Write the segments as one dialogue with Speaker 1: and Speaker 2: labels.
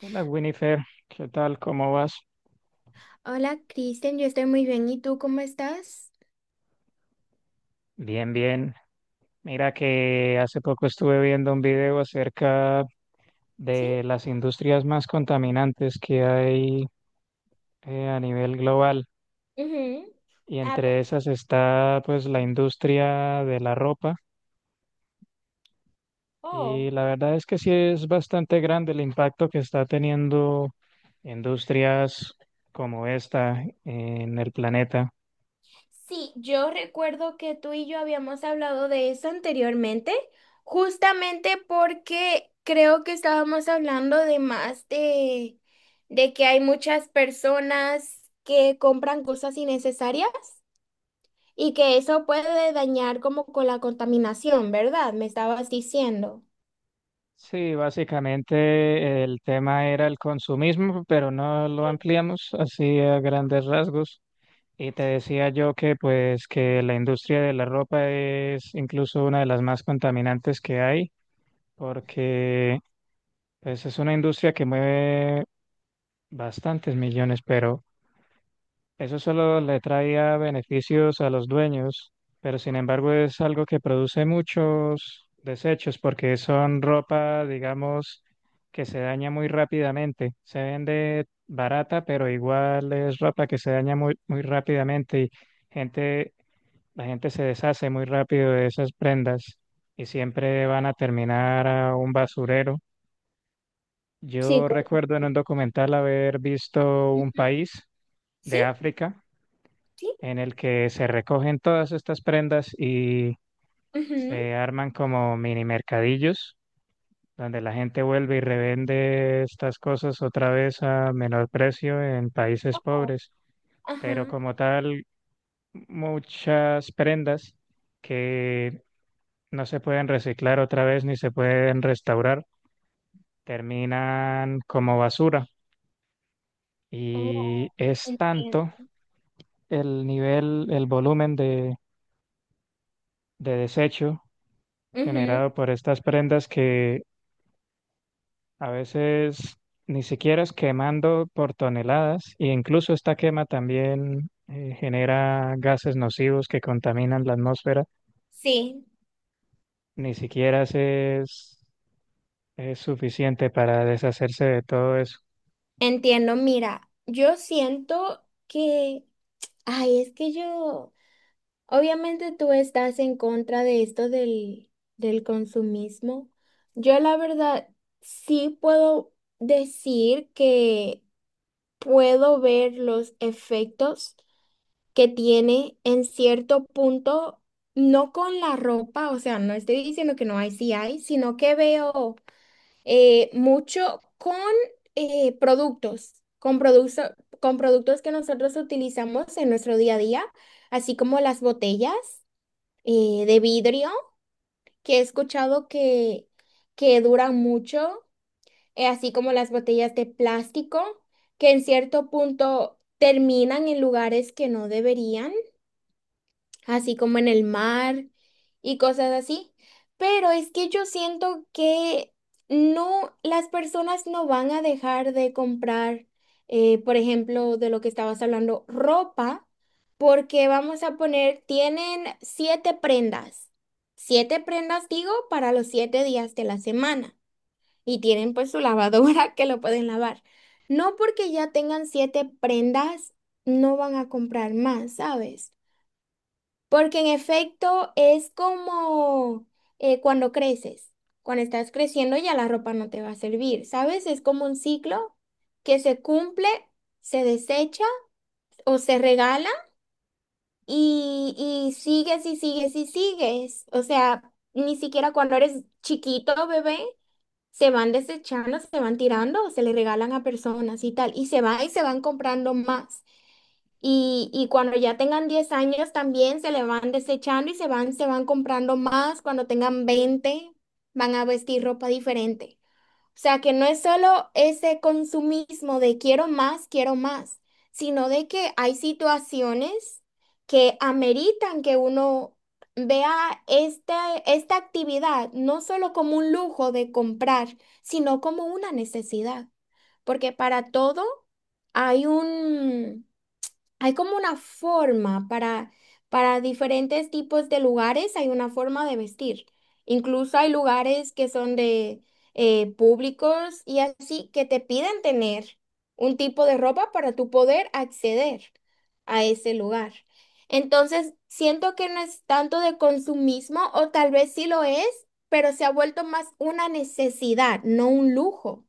Speaker 1: Hola Winifred, ¿qué tal? ¿Cómo vas?
Speaker 2: Hola, Kristen, yo estoy muy bien. ¿Y tú cómo estás?
Speaker 1: Bien, bien. Mira que hace poco estuve viendo un video acerca
Speaker 2: Sí.
Speaker 1: de las industrias más contaminantes que hay a nivel global
Speaker 2: Ujú.
Speaker 1: y entre esas está pues la industria de la ropa y
Speaker 2: Oh.
Speaker 1: la verdad es que sí es bastante grande el impacto que está teniendo industrias como esta en el planeta.
Speaker 2: Sí, yo recuerdo que tú y yo habíamos hablado de eso anteriormente, justamente porque creo que estábamos hablando de más de que hay muchas personas que compran cosas innecesarias y que eso puede dañar como con la contaminación, ¿verdad? Me estabas diciendo.
Speaker 1: Sí, básicamente el tema era el consumismo, pero no lo
Speaker 2: Sí.
Speaker 1: ampliamos así a grandes rasgos. Y te decía yo que pues que la industria de la ropa es incluso una de las más contaminantes que hay, porque pues, es una industria que mueve bastantes millones, pero eso solo le traía beneficios a los dueños, pero sin embargo es algo que produce muchos desechos porque son ropa, digamos, que se daña muy rápidamente. Se vende barata, pero igual es ropa que se daña muy, muy rápidamente y gente, la gente se deshace muy rápido de esas prendas y siempre van a terminar a un basurero.
Speaker 2: Sí,
Speaker 1: Yo
Speaker 2: correcto.
Speaker 1: recuerdo en un documental haber visto un país
Speaker 2: Sí,
Speaker 1: de África
Speaker 2: sí.
Speaker 1: en el que se recogen todas estas prendas y
Speaker 2: Ujú.
Speaker 1: se arman como mini mercadillos, donde la gente vuelve y revende estas cosas otra vez a menor precio en países
Speaker 2: Oh.
Speaker 1: pobres. Pero
Speaker 2: Ajá.
Speaker 1: como tal, muchas prendas que no se pueden reciclar otra vez ni se pueden restaurar, terminan como basura.
Speaker 2: Oh,
Speaker 1: Y es
Speaker 2: entiendo.
Speaker 1: tanto el nivel, el volumen de desecho
Speaker 2: Ujú.
Speaker 1: generado por estas prendas que a veces ni siquiera es quemando por toneladas e incluso esta quema también genera gases nocivos que contaminan la atmósfera,
Speaker 2: Sí,
Speaker 1: ni siquiera es suficiente para deshacerse de todo eso.
Speaker 2: entiendo. Mira, yo siento que, ay, es que yo, obviamente tú estás en contra de esto del consumismo. Yo la verdad sí puedo decir que puedo ver los efectos que tiene en cierto punto, no con la ropa, o sea, no estoy diciendo que no hay, sí hay, sino que veo. Mucho con productos, con productos que nosotros utilizamos en nuestro día a día, así como las botellas de vidrio, que he escuchado que duran mucho, así como las botellas de plástico, que en cierto punto terminan en lugares que no deberían, así como en el mar y cosas así. Pero es que yo siento que no, las personas no van a dejar de comprar, por ejemplo, de lo que estabas hablando, ropa, porque vamos a poner, tienen siete prendas digo, para los 7 días de la semana. Y tienen pues su lavadora que lo pueden lavar. No porque ya tengan siete prendas, no van a comprar más, ¿sabes? Porque en efecto es como cuando creces. Cuando estás creciendo ya la ropa no te va a servir, ¿sabes? Es como un ciclo que se cumple, se desecha o se regala y, y sigues y sigues y sigues. O sea, ni siquiera cuando eres chiquito, bebé, se van desechando, se van tirando, se le regalan a personas y tal. Y se van comprando más. Y cuando ya tengan 10 años también se le van desechando y se van comprando más. Cuando tengan 20 van a vestir ropa diferente. O sea que no es solo ese consumismo de quiero más, sino de que hay situaciones que ameritan que uno vea esta actividad no solo como un lujo de comprar, sino como una necesidad. Porque para todo hay un... Hay como una forma para diferentes tipos de lugares, hay una forma de vestir. Incluso hay lugares que son de públicos y así, que te piden tener un tipo de ropa para tú poder acceder a ese lugar. Entonces, siento que no es tanto de consumismo o tal vez sí lo es, pero se ha vuelto más una necesidad, no un lujo.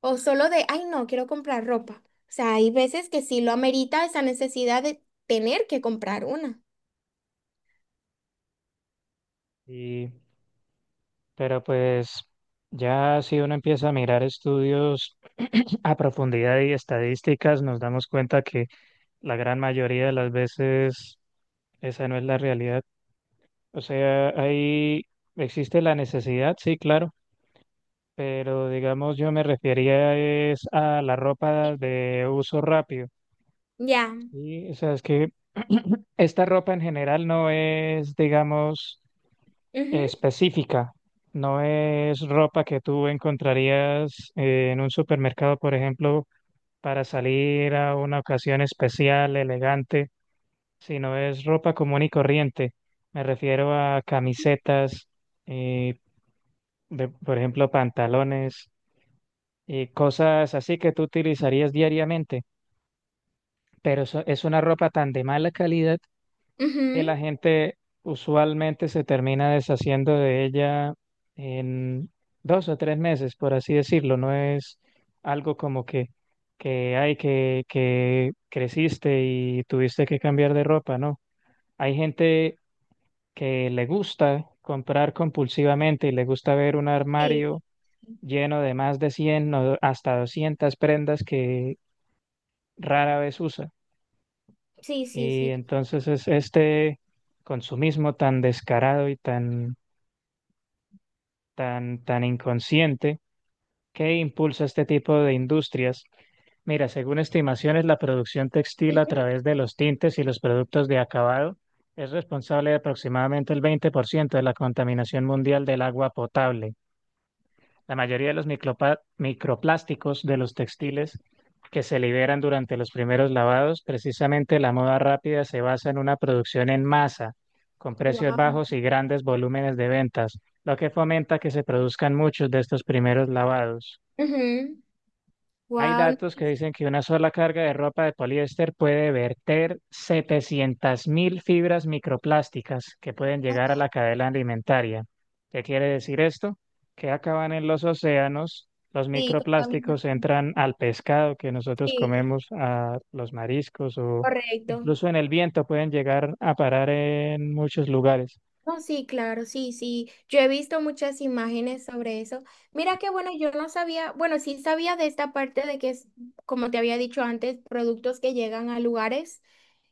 Speaker 2: O solo de, ay, no, quiero comprar ropa. O sea, hay veces que sí lo amerita esa necesidad de tener que comprar una.
Speaker 1: Y, pero pues ya si uno empieza a mirar estudios a profundidad y estadísticas, nos damos cuenta que la gran mayoría de las veces esa no es la realidad. O sea, ahí existe la necesidad, sí, claro, pero digamos yo me refería es a la ropa de uso rápido,
Speaker 2: Ya.
Speaker 1: ¿sí? O sea, es que esta ropa en general no es, digamos,
Speaker 2: Ujú,
Speaker 1: específica, no es ropa que tú encontrarías en un supermercado, por ejemplo, para salir a una ocasión especial, elegante, sino es ropa común y corriente. Me refiero a camisetas eh, por ejemplo, pantalones y cosas así que tú utilizarías diariamente, pero es una ropa tan de mala calidad que
Speaker 2: ujú.
Speaker 1: la gente usualmente se termina deshaciendo de ella en 2 o 3 meses, por así decirlo. No es algo como que creciste y tuviste que cambiar de ropa, ¿no? Hay gente que le gusta comprar compulsivamente y le gusta ver un
Speaker 2: Sí,
Speaker 1: armario lleno de más de 100 o hasta 200 prendas que rara vez usa.
Speaker 2: sí, sí,
Speaker 1: Y
Speaker 2: sí.
Speaker 1: entonces es este consumismo tan descarado y tan inconsciente que impulsa este tipo de industrias. Mira, según estimaciones, la producción textil a través de los tintes y los productos de acabado es responsable de aproximadamente el 20% de la contaminación mundial del agua potable. La mayoría de los microplásticos de los textiles que se liberan durante los primeros lavados, precisamente la moda rápida se basa en una producción en masa, con precios
Speaker 2: Wow.
Speaker 1: bajos y grandes volúmenes de ventas, lo que fomenta que se produzcan muchos de estos primeros lavados. Hay
Speaker 2: Wow,
Speaker 1: datos que dicen que una sola carga de ropa de poliéster puede verter 700.000 fibras microplásticas que pueden llegar a la cadena alimentaria. ¿Qué quiere decir esto? Que acaban en los océanos, los
Speaker 2: sí,
Speaker 1: microplásticos
Speaker 2: contaminante.
Speaker 1: entran al pescado que nosotros
Speaker 2: Sí,
Speaker 1: comemos, a los mariscos o
Speaker 2: correcto.
Speaker 1: incluso en el viento pueden llegar a parar en muchos lugares.
Speaker 2: No, sí, claro, sí, sí. Yo he visto muchas imágenes sobre eso. Mira que bueno, yo no sabía, bueno, sí sabía de esta parte de que es, como te había dicho antes, productos que llegan a lugares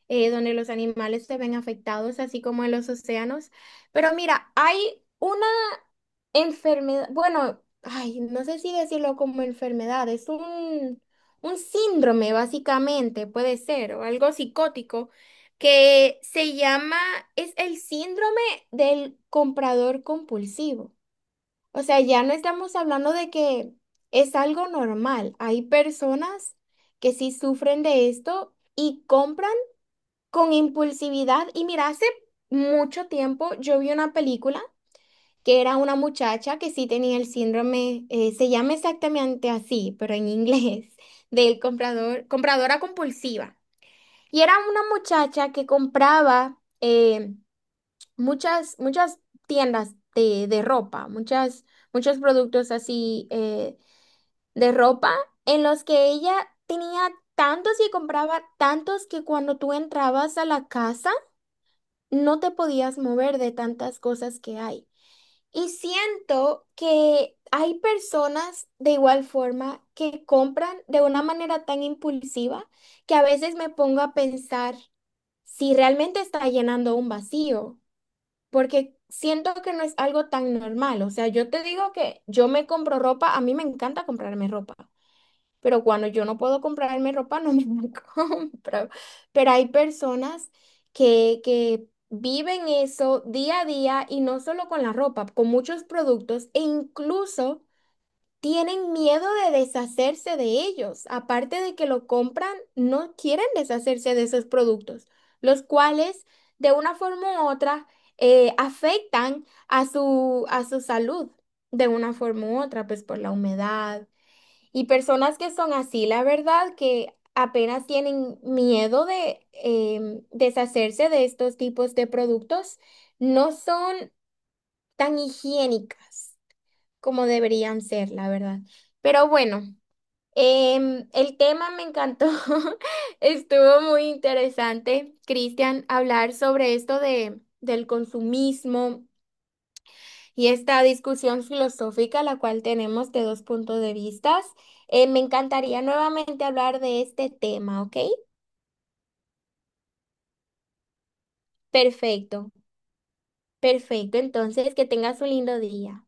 Speaker 2: donde los animales se ven afectados, así como en los océanos. Pero mira, hay una enfermedad, bueno, ay, no sé si decirlo como enfermedad, es un síndrome básicamente, puede ser, o algo psicótico, que se llama, es el síndrome del comprador compulsivo. O sea, ya no estamos hablando de que es algo normal. Hay personas que sí sufren de esto y compran con impulsividad. Y mira, hace mucho tiempo yo vi una película que era una muchacha que sí tenía el síndrome, se llama exactamente así, pero en inglés, del comprador, compradora compulsiva. Y era una muchacha que compraba muchas, muchas tiendas de ropa, muchas, muchos productos así, de ropa, en los que ella tenía tantos y compraba tantos que cuando tú entrabas a la casa, no te podías mover de tantas cosas que hay. Y siento que hay personas de igual forma que compran de una manera tan impulsiva que a veces me pongo a pensar si realmente está llenando un vacío, porque siento que no es algo tan normal. O sea, yo te digo que yo me compro ropa, a mí me encanta comprarme ropa, pero cuando yo no puedo comprarme ropa, no me la compro. Pero hay personas que viven eso día a día y no solo con la ropa, con muchos productos e incluso tienen miedo de deshacerse de ellos. Aparte de que lo compran, no quieren deshacerse de esos productos, los cuales de una forma u otra afectan a su salud. De una forma u otra, pues por la humedad, y personas que son así, la verdad que apenas tienen miedo de deshacerse de estos tipos de productos, no son tan higiénicas como deberían ser, la verdad. Pero bueno, el tema me encantó, estuvo muy interesante, Cristian, hablar sobre esto del consumismo y esta discusión filosófica, la cual tenemos de dos puntos de vistas. Me encantaría nuevamente hablar de este tema, ¿ok? Perfecto, perfecto. Entonces, que tengas un lindo día.